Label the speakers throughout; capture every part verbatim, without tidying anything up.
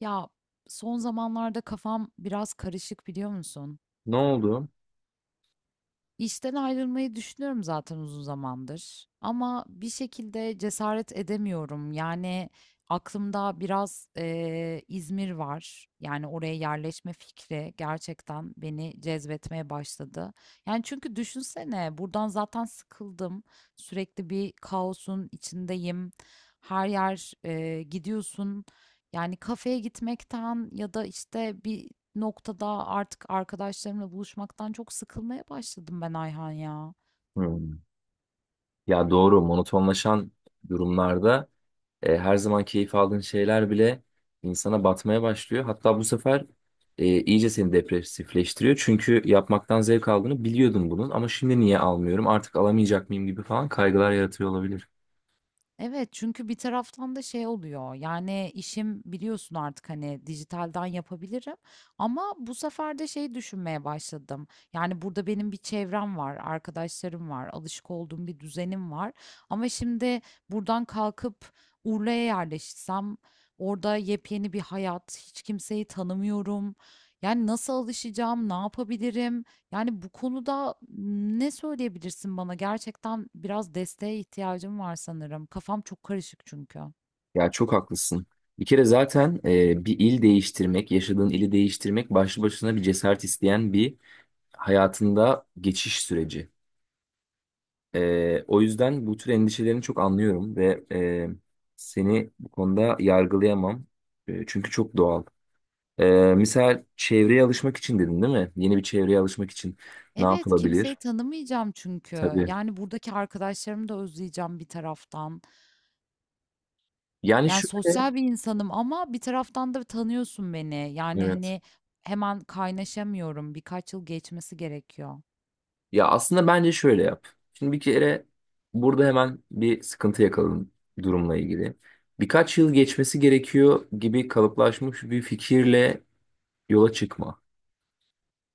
Speaker 1: Ya son zamanlarda kafam biraz karışık biliyor musun?
Speaker 2: Ne oldu?
Speaker 1: İşten ayrılmayı düşünüyorum zaten uzun zamandır. Ama bir şekilde cesaret edemiyorum. Yani aklımda biraz eee, İzmir var. Yani oraya yerleşme fikri gerçekten beni cezbetmeye başladı. Yani çünkü düşünsene buradan zaten sıkıldım. Sürekli bir kaosun içindeyim. Her yer eee, gidiyorsun. Yani kafeye gitmekten ya da işte bir noktada artık arkadaşlarımla buluşmaktan çok sıkılmaya başladım ben Ayhan ya.
Speaker 2: Hmm. Ya doğru monotonlaşan durumlarda e, her zaman keyif aldığın şeyler bile insana batmaya başlıyor. Hatta bu sefer e, iyice seni depresifleştiriyor. Çünkü yapmaktan zevk aldığını biliyordum bunun ama şimdi niye almıyorum artık alamayacak mıyım gibi falan kaygılar yaratıyor olabilir.
Speaker 1: Evet, çünkü bir taraftan da şey oluyor, yani işim biliyorsun artık hani dijitalden yapabilirim, ama bu sefer de şey düşünmeye başladım. Yani burada benim bir çevrem var, arkadaşlarım var, alışık olduğum bir düzenim var, ama şimdi buradan kalkıp Urla'ya yerleşsem, orada yepyeni bir hayat, hiç kimseyi tanımıyorum. Yani nasıl alışacağım, ne yapabilirim? Yani bu konuda ne söyleyebilirsin bana? Gerçekten biraz desteğe ihtiyacım var sanırım. Kafam çok karışık çünkü.
Speaker 2: Ya çok haklısın. Bir kere zaten e, bir il değiştirmek, yaşadığın ili değiştirmek başlı başına bir cesaret isteyen bir hayatında geçiş süreci. Ee, o yüzden bu tür endişelerini çok anlıyorum ve e, seni bu konuda yargılayamam. E, çünkü çok doğal. Ee, Misal çevreye alışmak için dedin değil mi? Yeni bir çevreye alışmak için ne
Speaker 1: Evet, kimseyi
Speaker 2: yapılabilir?
Speaker 1: tanımayacağım çünkü.
Speaker 2: Tabii.
Speaker 1: Yani buradaki arkadaşlarımı da özleyeceğim bir taraftan.
Speaker 2: Yani
Speaker 1: Yani
Speaker 2: şöyle,
Speaker 1: sosyal bir insanım, ama bir taraftan da tanıyorsun beni. Yani
Speaker 2: evet.
Speaker 1: hani hemen kaynaşamıyorum. Birkaç yıl geçmesi gerekiyor.
Speaker 2: Ya aslında bence şöyle yap. Şimdi bir kere burada hemen bir sıkıntı yakaladın durumla ilgili. Birkaç yıl geçmesi gerekiyor gibi kalıplaşmış bir fikirle yola çıkma.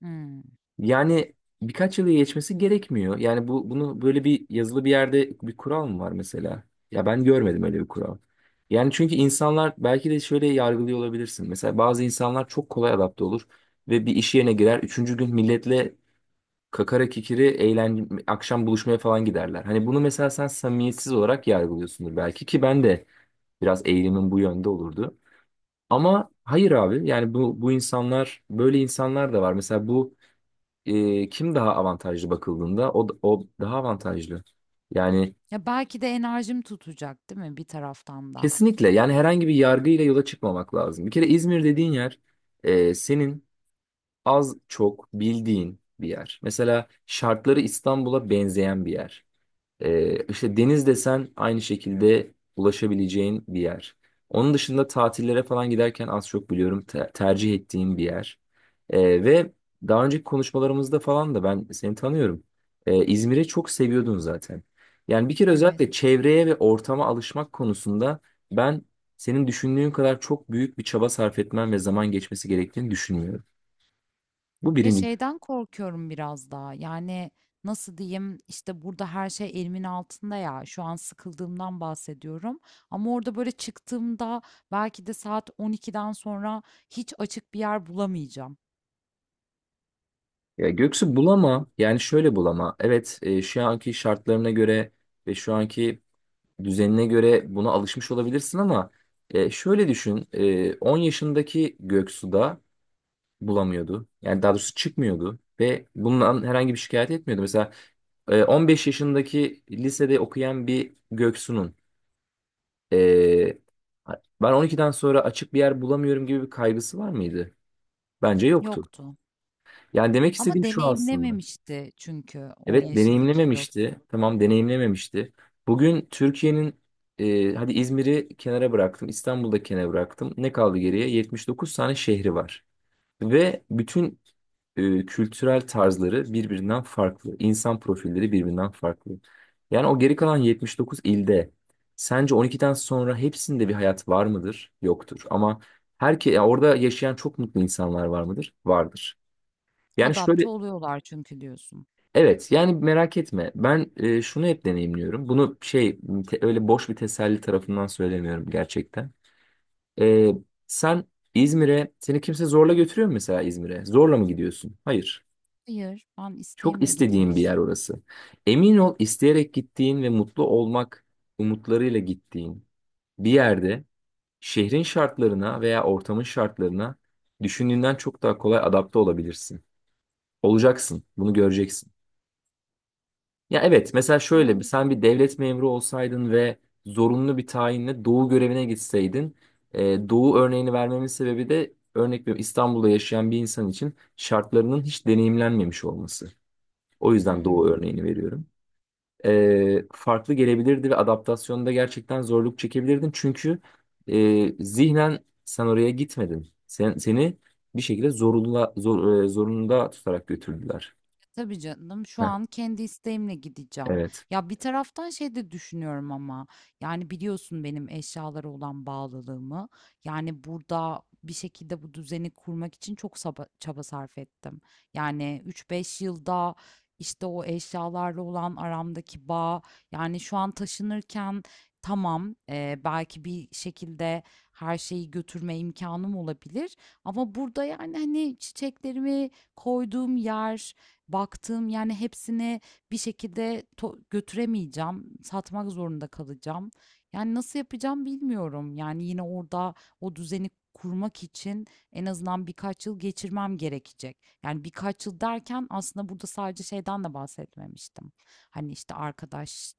Speaker 1: Hmm.
Speaker 2: Yani birkaç yılı geçmesi gerekmiyor. Yani bu bunu böyle bir yazılı bir yerde bir kural mı var mesela? Ya ben görmedim öyle bir kural. Yani çünkü insanlar belki de şöyle yargılıyor olabilirsin. Mesela bazı insanlar çok kolay adapte olur ve bir iş yerine girer. Üçüncü gün milletle kakara kikiri eğlence, akşam buluşmaya falan giderler. Hani bunu mesela sen samimiyetsiz olarak yargılıyorsundur belki ki ben de biraz eğilimim bu yönde olurdu. Ama hayır abi yani bu, bu insanlar böyle insanlar da var. Mesela bu e, kim daha avantajlı bakıldığında o, o daha avantajlı. Yani
Speaker 1: Ya belki de enerjim tutacak, değil mi bir taraftan da?
Speaker 2: kesinlikle yani herhangi bir yargıyla yola çıkmamak lazım. Bir kere İzmir dediğin yer e, senin az çok bildiğin bir yer. Mesela şartları İstanbul'a benzeyen bir yer. Ee, işte deniz desen aynı şekilde ulaşabileceğin bir yer. Onun dışında tatillere falan giderken az çok biliyorum te- tercih ettiğin bir yer. Ee, ve daha önceki konuşmalarımızda falan da ben seni tanıyorum. Ee, İzmir'i çok seviyordun zaten. Yani bir kere özellikle
Speaker 1: Evet.
Speaker 2: çevreye ve ortama alışmak konusunda ben senin düşündüğün kadar çok büyük bir çaba sarf etmen ve zaman geçmesi gerektiğini düşünmüyorum. Bu
Speaker 1: Ya
Speaker 2: birinci.
Speaker 1: şeyden korkuyorum biraz daha. Yani nasıl diyeyim, işte burada her şey elimin altında ya. Şu an sıkıldığımdan bahsediyorum. Ama orada böyle çıktığımda belki de saat on ikiden sonra hiç açık bir yer bulamayacağım.
Speaker 2: Ya Göksu bulama yani şöyle bulama. Evet, e, şu anki şartlarına göre ve şu anki düzenine göre buna alışmış olabilirsin ama e, şöyle düşün, e, on yaşındaki Göksu da bulamıyordu. Yani daha doğrusu çıkmıyordu ve bundan herhangi bir şikayet etmiyordu. Mesela e, on beş yaşındaki lisede okuyan bir Göksu'nun e, ben on ikiden sonra açık bir yer bulamıyorum gibi bir kaygısı var mıydı? Bence yoktu.
Speaker 1: Yoktu.
Speaker 2: Yani demek
Speaker 1: Ama
Speaker 2: istediğim şu aslında.
Speaker 1: deneyimlememişti çünkü on
Speaker 2: Evet
Speaker 1: yaşındaki
Speaker 2: deneyimlememişti.
Speaker 1: Göksu.
Speaker 2: Tamam deneyimlememişti. Bugün Türkiye'nin e, hadi İzmir'i kenara bıraktım. İstanbul'da kenara bıraktım. Ne kaldı geriye? yetmiş dokuz tane şehri var. Ve bütün e, kültürel tarzları birbirinden farklı. İnsan profilleri birbirinden farklı. Yani o geri kalan yetmiş dokuz ilde sence on ikiden sonra hepsinde bir hayat var mıdır? Yoktur. Ama herke, ya orada yaşayan çok mutlu insanlar var mıdır? Vardır. Yani şöyle,
Speaker 1: Adapte oluyorlar çünkü diyorsun.
Speaker 2: evet yani merak etme. Ben e, şunu hep deneyimliyorum. Bunu şey te- öyle boş bir teselli tarafından söylemiyorum gerçekten. E, Sen İzmir'e seni kimse zorla götürüyor mu mesela İzmir'e? Zorla mı gidiyorsun? Hayır.
Speaker 1: Hayır, ben
Speaker 2: Çok
Speaker 1: isteğimle gitmek
Speaker 2: istediğin bir yer
Speaker 1: istiyorum.
Speaker 2: orası. Emin ol isteyerek gittiğin ve mutlu olmak umutlarıyla gittiğin bir yerde şehrin şartlarına veya ortamın şartlarına düşündüğünden çok daha kolay adapte olabilirsin. Olacaksın. Bunu göreceksin. Ya evet, mesela şöyle bir
Speaker 1: Doğru
Speaker 2: sen bir
Speaker 1: söylüyorsun.
Speaker 2: devlet memuru olsaydın ve zorunlu bir tayinle doğu görevine gitseydin, e, doğu örneğini vermemin sebebi de örnek veriyorum İstanbul'da yaşayan bir insan için şartlarının hiç deneyimlenmemiş olması. O
Speaker 1: Hı
Speaker 2: yüzden doğu
Speaker 1: hı.
Speaker 2: örneğini veriyorum. E, farklı gelebilirdi ve adaptasyonda gerçekten zorluk çekebilirdin çünkü e, zihnen sen oraya gitmedin. Sen, seni bir şekilde zorunda, zor, e, zorunda tutarak götürdüler.
Speaker 1: Tabii canım, şu
Speaker 2: Heh,
Speaker 1: an kendi isteğimle gideceğim.
Speaker 2: evet.
Speaker 1: Ya bir taraftan şey de düşünüyorum, ama yani biliyorsun benim eşyalara olan bağlılığımı. Yani burada bir şekilde bu düzeni kurmak için çok saba- çaba sarf ettim. Yani üç beş yılda işte o eşyalarla olan aramdaki bağ, yani şu an taşınırken, tamam, e, belki bir şekilde her şeyi götürme imkanım olabilir. Ama burada yani hani çiçeklerimi koyduğum yer, baktığım, yani hepsini bir şekilde to götüremeyeceğim, satmak zorunda kalacağım. Yani nasıl yapacağım bilmiyorum. Yani yine orada o düzeni kurmak için en azından birkaç yıl geçirmem gerekecek. Yani birkaç yıl derken aslında burada sadece şeyden de bahsetmemiştim. Hani işte arkadaşlık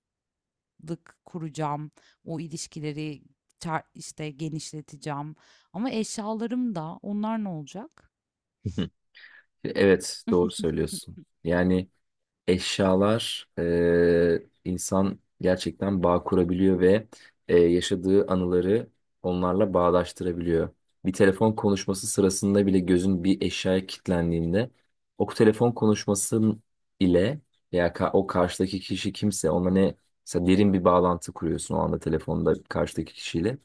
Speaker 1: kuracağım, o ilişkileri çar- işte genişleteceğim. Ama eşyalarım da, onlar ne olacak?
Speaker 2: Evet, doğru söylüyorsun. Yani eşyalar, e, insan gerçekten bağ kurabiliyor ve e, yaşadığı anıları onlarla bağdaştırabiliyor. Bir telefon konuşması sırasında bile gözün bir eşyaya kilitlendiğinde o telefon konuşması ile veya ka- o karşıdaki kişi kimse ona ne mesela derin bir bağlantı kuruyorsun o anda telefonda karşıdaki kişiyle.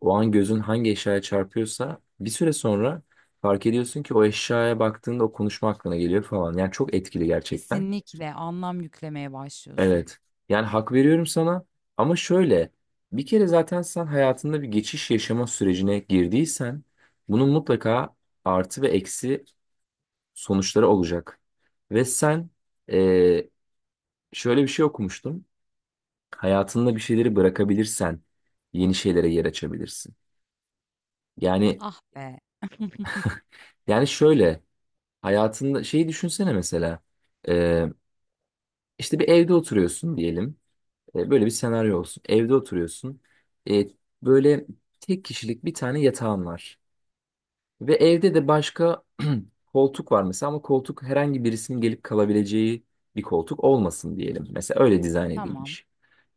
Speaker 2: O an gözün hangi eşyaya çarpıyorsa bir süre sonra fark ediyorsun ki o eşyaya baktığında o konuşma aklına geliyor falan. Yani çok etkili gerçekten.
Speaker 1: Kesinlikle anlam yüklemeye başlıyorsun.
Speaker 2: Evet. Yani hak veriyorum sana ama şöyle, bir kere zaten sen hayatında bir geçiş yaşama sürecine girdiysen bunun mutlaka artı ve eksi sonuçları olacak. Ve sen eee, şöyle bir şey okumuştum. Hayatında bir şeyleri bırakabilirsen yeni şeylere yer açabilirsin. Yani
Speaker 1: Ah be.
Speaker 2: yani şöyle, hayatında şeyi düşünsene mesela. Ee, işte bir evde oturuyorsun diyelim. Ee, böyle bir senaryo olsun. Evde oturuyorsun. Ee, Böyle tek kişilik bir tane yatağın var. Ve evde de başka koltuk var mesela ama koltuk herhangi birisinin gelip kalabileceği bir koltuk olmasın diyelim. Mesela öyle dizayn
Speaker 1: Tamam.
Speaker 2: edilmiş.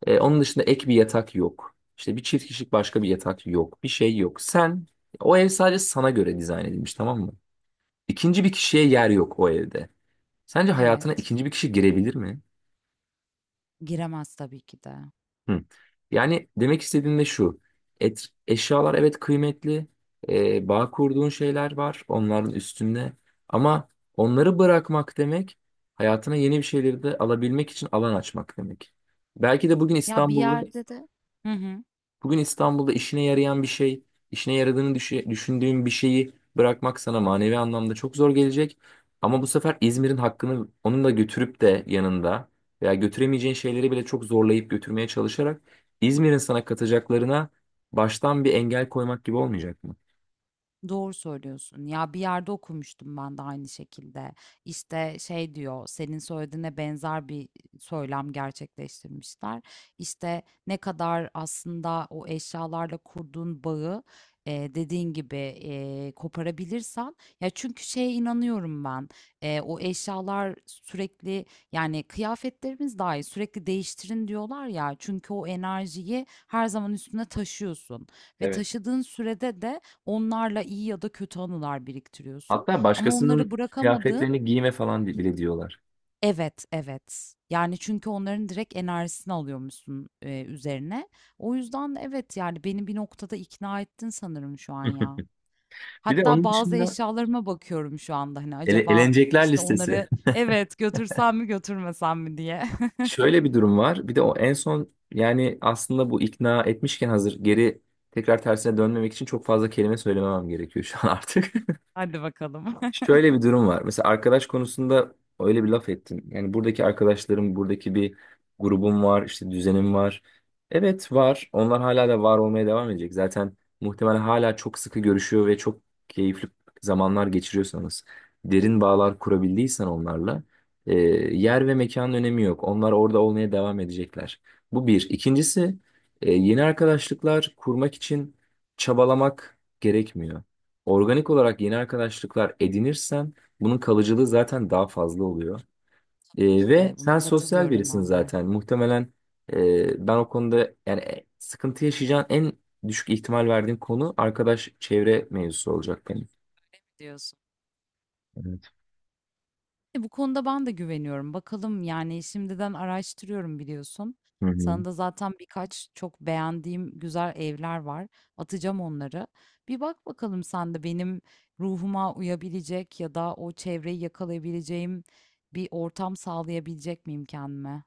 Speaker 2: Ee, onun dışında ek bir yatak yok. İşte bir çift kişilik başka bir yatak yok. Bir şey yok. Sen o ev sadece sana göre dizayn edilmiş, tamam mı? İkinci bir kişiye yer yok o evde. Sence hayatına
Speaker 1: Evet.
Speaker 2: ikinci bir kişi girebilir mi?
Speaker 1: Giremez tabii ki de.
Speaker 2: Hı. Yani demek istediğim de şu. Et, eşyalar evet kıymetli. E, bağ kurduğun şeyler var onların üstünde. Ama onları bırakmak demek hayatına yeni bir şeyleri de alabilmek için alan açmak demek. Belki de bugün
Speaker 1: Ya bir, aynen öyle.
Speaker 2: İstanbul'da
Speaker 1: Yerde de. Hı hı.
Speaker 2: Bugün İstanbul'da işine yarayan bir şey, işine yaradığını düşe- düşündüğün bir şeyi bırakmak sana manevi anlamda çok zor gelecek. Ama bu sefer İzmir'in hakkını onun da götürüp de yanında veya götüremeyeceğin şeyleri bile çok zorlayıp götürmeye çalışarak İzmir'in sana katacaklarına baştan bir engel koymak gibi olmayacak mı?
Speaker 1: Doğru söylüyorsun. Ya bir yerde okumuştum ben de aynı şekilde. İşte şey diyor, senin söylediğine benzer bir söylem gerçekleştirmişler. İşte ne kadar aslında o eşyalarla kurduğun bağı e, dediğin gibi e, koparabilirsen. Ya çünkü şeye inanıyorum ben. E, o eşyalar sürekli, yani kıyafetlerimiz dahi sürekli değiştirin diyorlar ya. Çünkü o enerjiyi her zaman üstüne taşıyorsun ve
Speaker 2: Evet.
Speaker 1: taşıdığın sürede de onlarla iyi ya da kötü anılar biriktiriyorsun,
Speaker 2: Hatta
Speaker 1: ama onları
Speaker 2: başkasının
Speaker 1: bırakamadığın...
Speaker 2: kıyafetlerini giyme falan bile diyorlar.
Speaker 1: Evet, evet. Yani çünkü onların direkt enerjisini alıyormuşsun, eee, üzerine. O yüzden evet, yani beni bir noktada ikna ettin sanırım şu an ya.
Speaker 2: Bir de
Speaker 1: Hatta
Speaker 2: onun
Speaker 1: bazı
Speaker 2: dışında
Speaker 1: eşyalarıma bakıyorum şu anda, hani
Speaker 2: ele
Speaker 1: acaba
Speaker 2: elenecekler
Speaker 1: işte
Speaker 2: listesi.
Speaker 1: onları, evet götürsem mi götürmesem mi diye.
Speaker 2: Şöyle bir durum var. Bir de o en son yani aslında bu ikna etmişken hazır geri tekrar tersine dönmemek için çok fazla kelime söylememem gerekiyor şu an artık.
Speaker 1: Hadi bakalım.
Speaker 2: Şöyle bir durum var. Mesela arkadaş konusunda öyle bir laf ettin. Yani buradaki arkadaşlarım, buradaki bir grubum var, işte düzenim var. Evet var. Onlar hala da var olmaya devam edecek. Zaten muhtemelen hala çok sıkı görüşüyor ve çok keyifli zamanlar geçiriyorsanız, derin bağlar kurabildiysen onlarla, e, yer ve mekanın önemi yok. Onlar orada olmaya devam edecekler. Bu bir. İkincisi, e, yeni arkadaşlıklar kurmak için çabalamak gerekmiyor. Organik olarak yeni arkadaşlıklar edinirsen bunun kalıcılığı zaten daha fazla oluyor. Ee, ve
Speaker 1: İşte buna
Speaker 2: sen sosyal
Speaker 1: katılıyorum
Speaker 2: birisin
Speaker 1: ben de.
Speaker 2: zaten. Muhtemelen e, ben o konuda yani e, sıkıntı yaşayacağın en düşük ihtimal verdiğim konu arkadaş çevre mevzusu olacak benim.
Speaker 1: Diyorsun.
Speaker 2: Evet.
Speaker 1: E, Bu konuda ben de güveniyorum. Bakalım, yani, şimdiden araştırıyorum biliyorsun.
Speaker 2: Hı hı.
Speaker 1: Sana da zaten birkaç çok beğendiğim güzel evler var. Atacağım onları. Bir bak bakalım, sen de benim ruhuma uyabilecek ya da o çevreyi yakalayabileceğim bir ortam sağlayabilecek miyim kendime?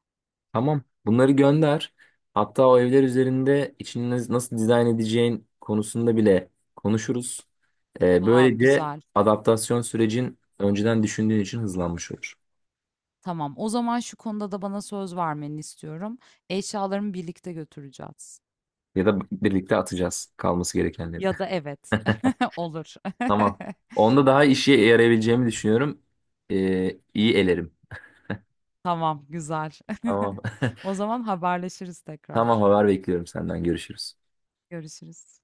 Speaker 2: Tamam. Bunları gönder. Hatta o evler üzerinde içini nasıl dizayn edeceğin konusunda bile konuşuruz. Ee,
Speaker 1: Vav,
Speaker 2: böylece
Speaker 1: güzel.
Speaker 2: adaptasyon sürecin önceden düşündüğün için hızlanmış olur.
Speaker 1: Tamam. O zaman şu konuda da bana söz vermeni istiyorum. Eşyalarımı birlikte götüreceğiz.
Speaker 2: Ya da birlikte atacağız kalması gerekenleri.
Speaker 1: Ya da evet. Olur.
Speaker 2: Tamam. Onda daha işe yarayabileceğimi düşünüyorum. Ee, iyi elerim.
Speaker 1: Tamam, güzel.
Speaker 2: Tamam.
Speaker 1: O zaman haberleşiriz
Speaker 2: Tamam,
Speaker 1: tekrar.
Speaker 2: haber bekliyorum senden. Görüşürüz.
Speaker 1: Görüşürüz.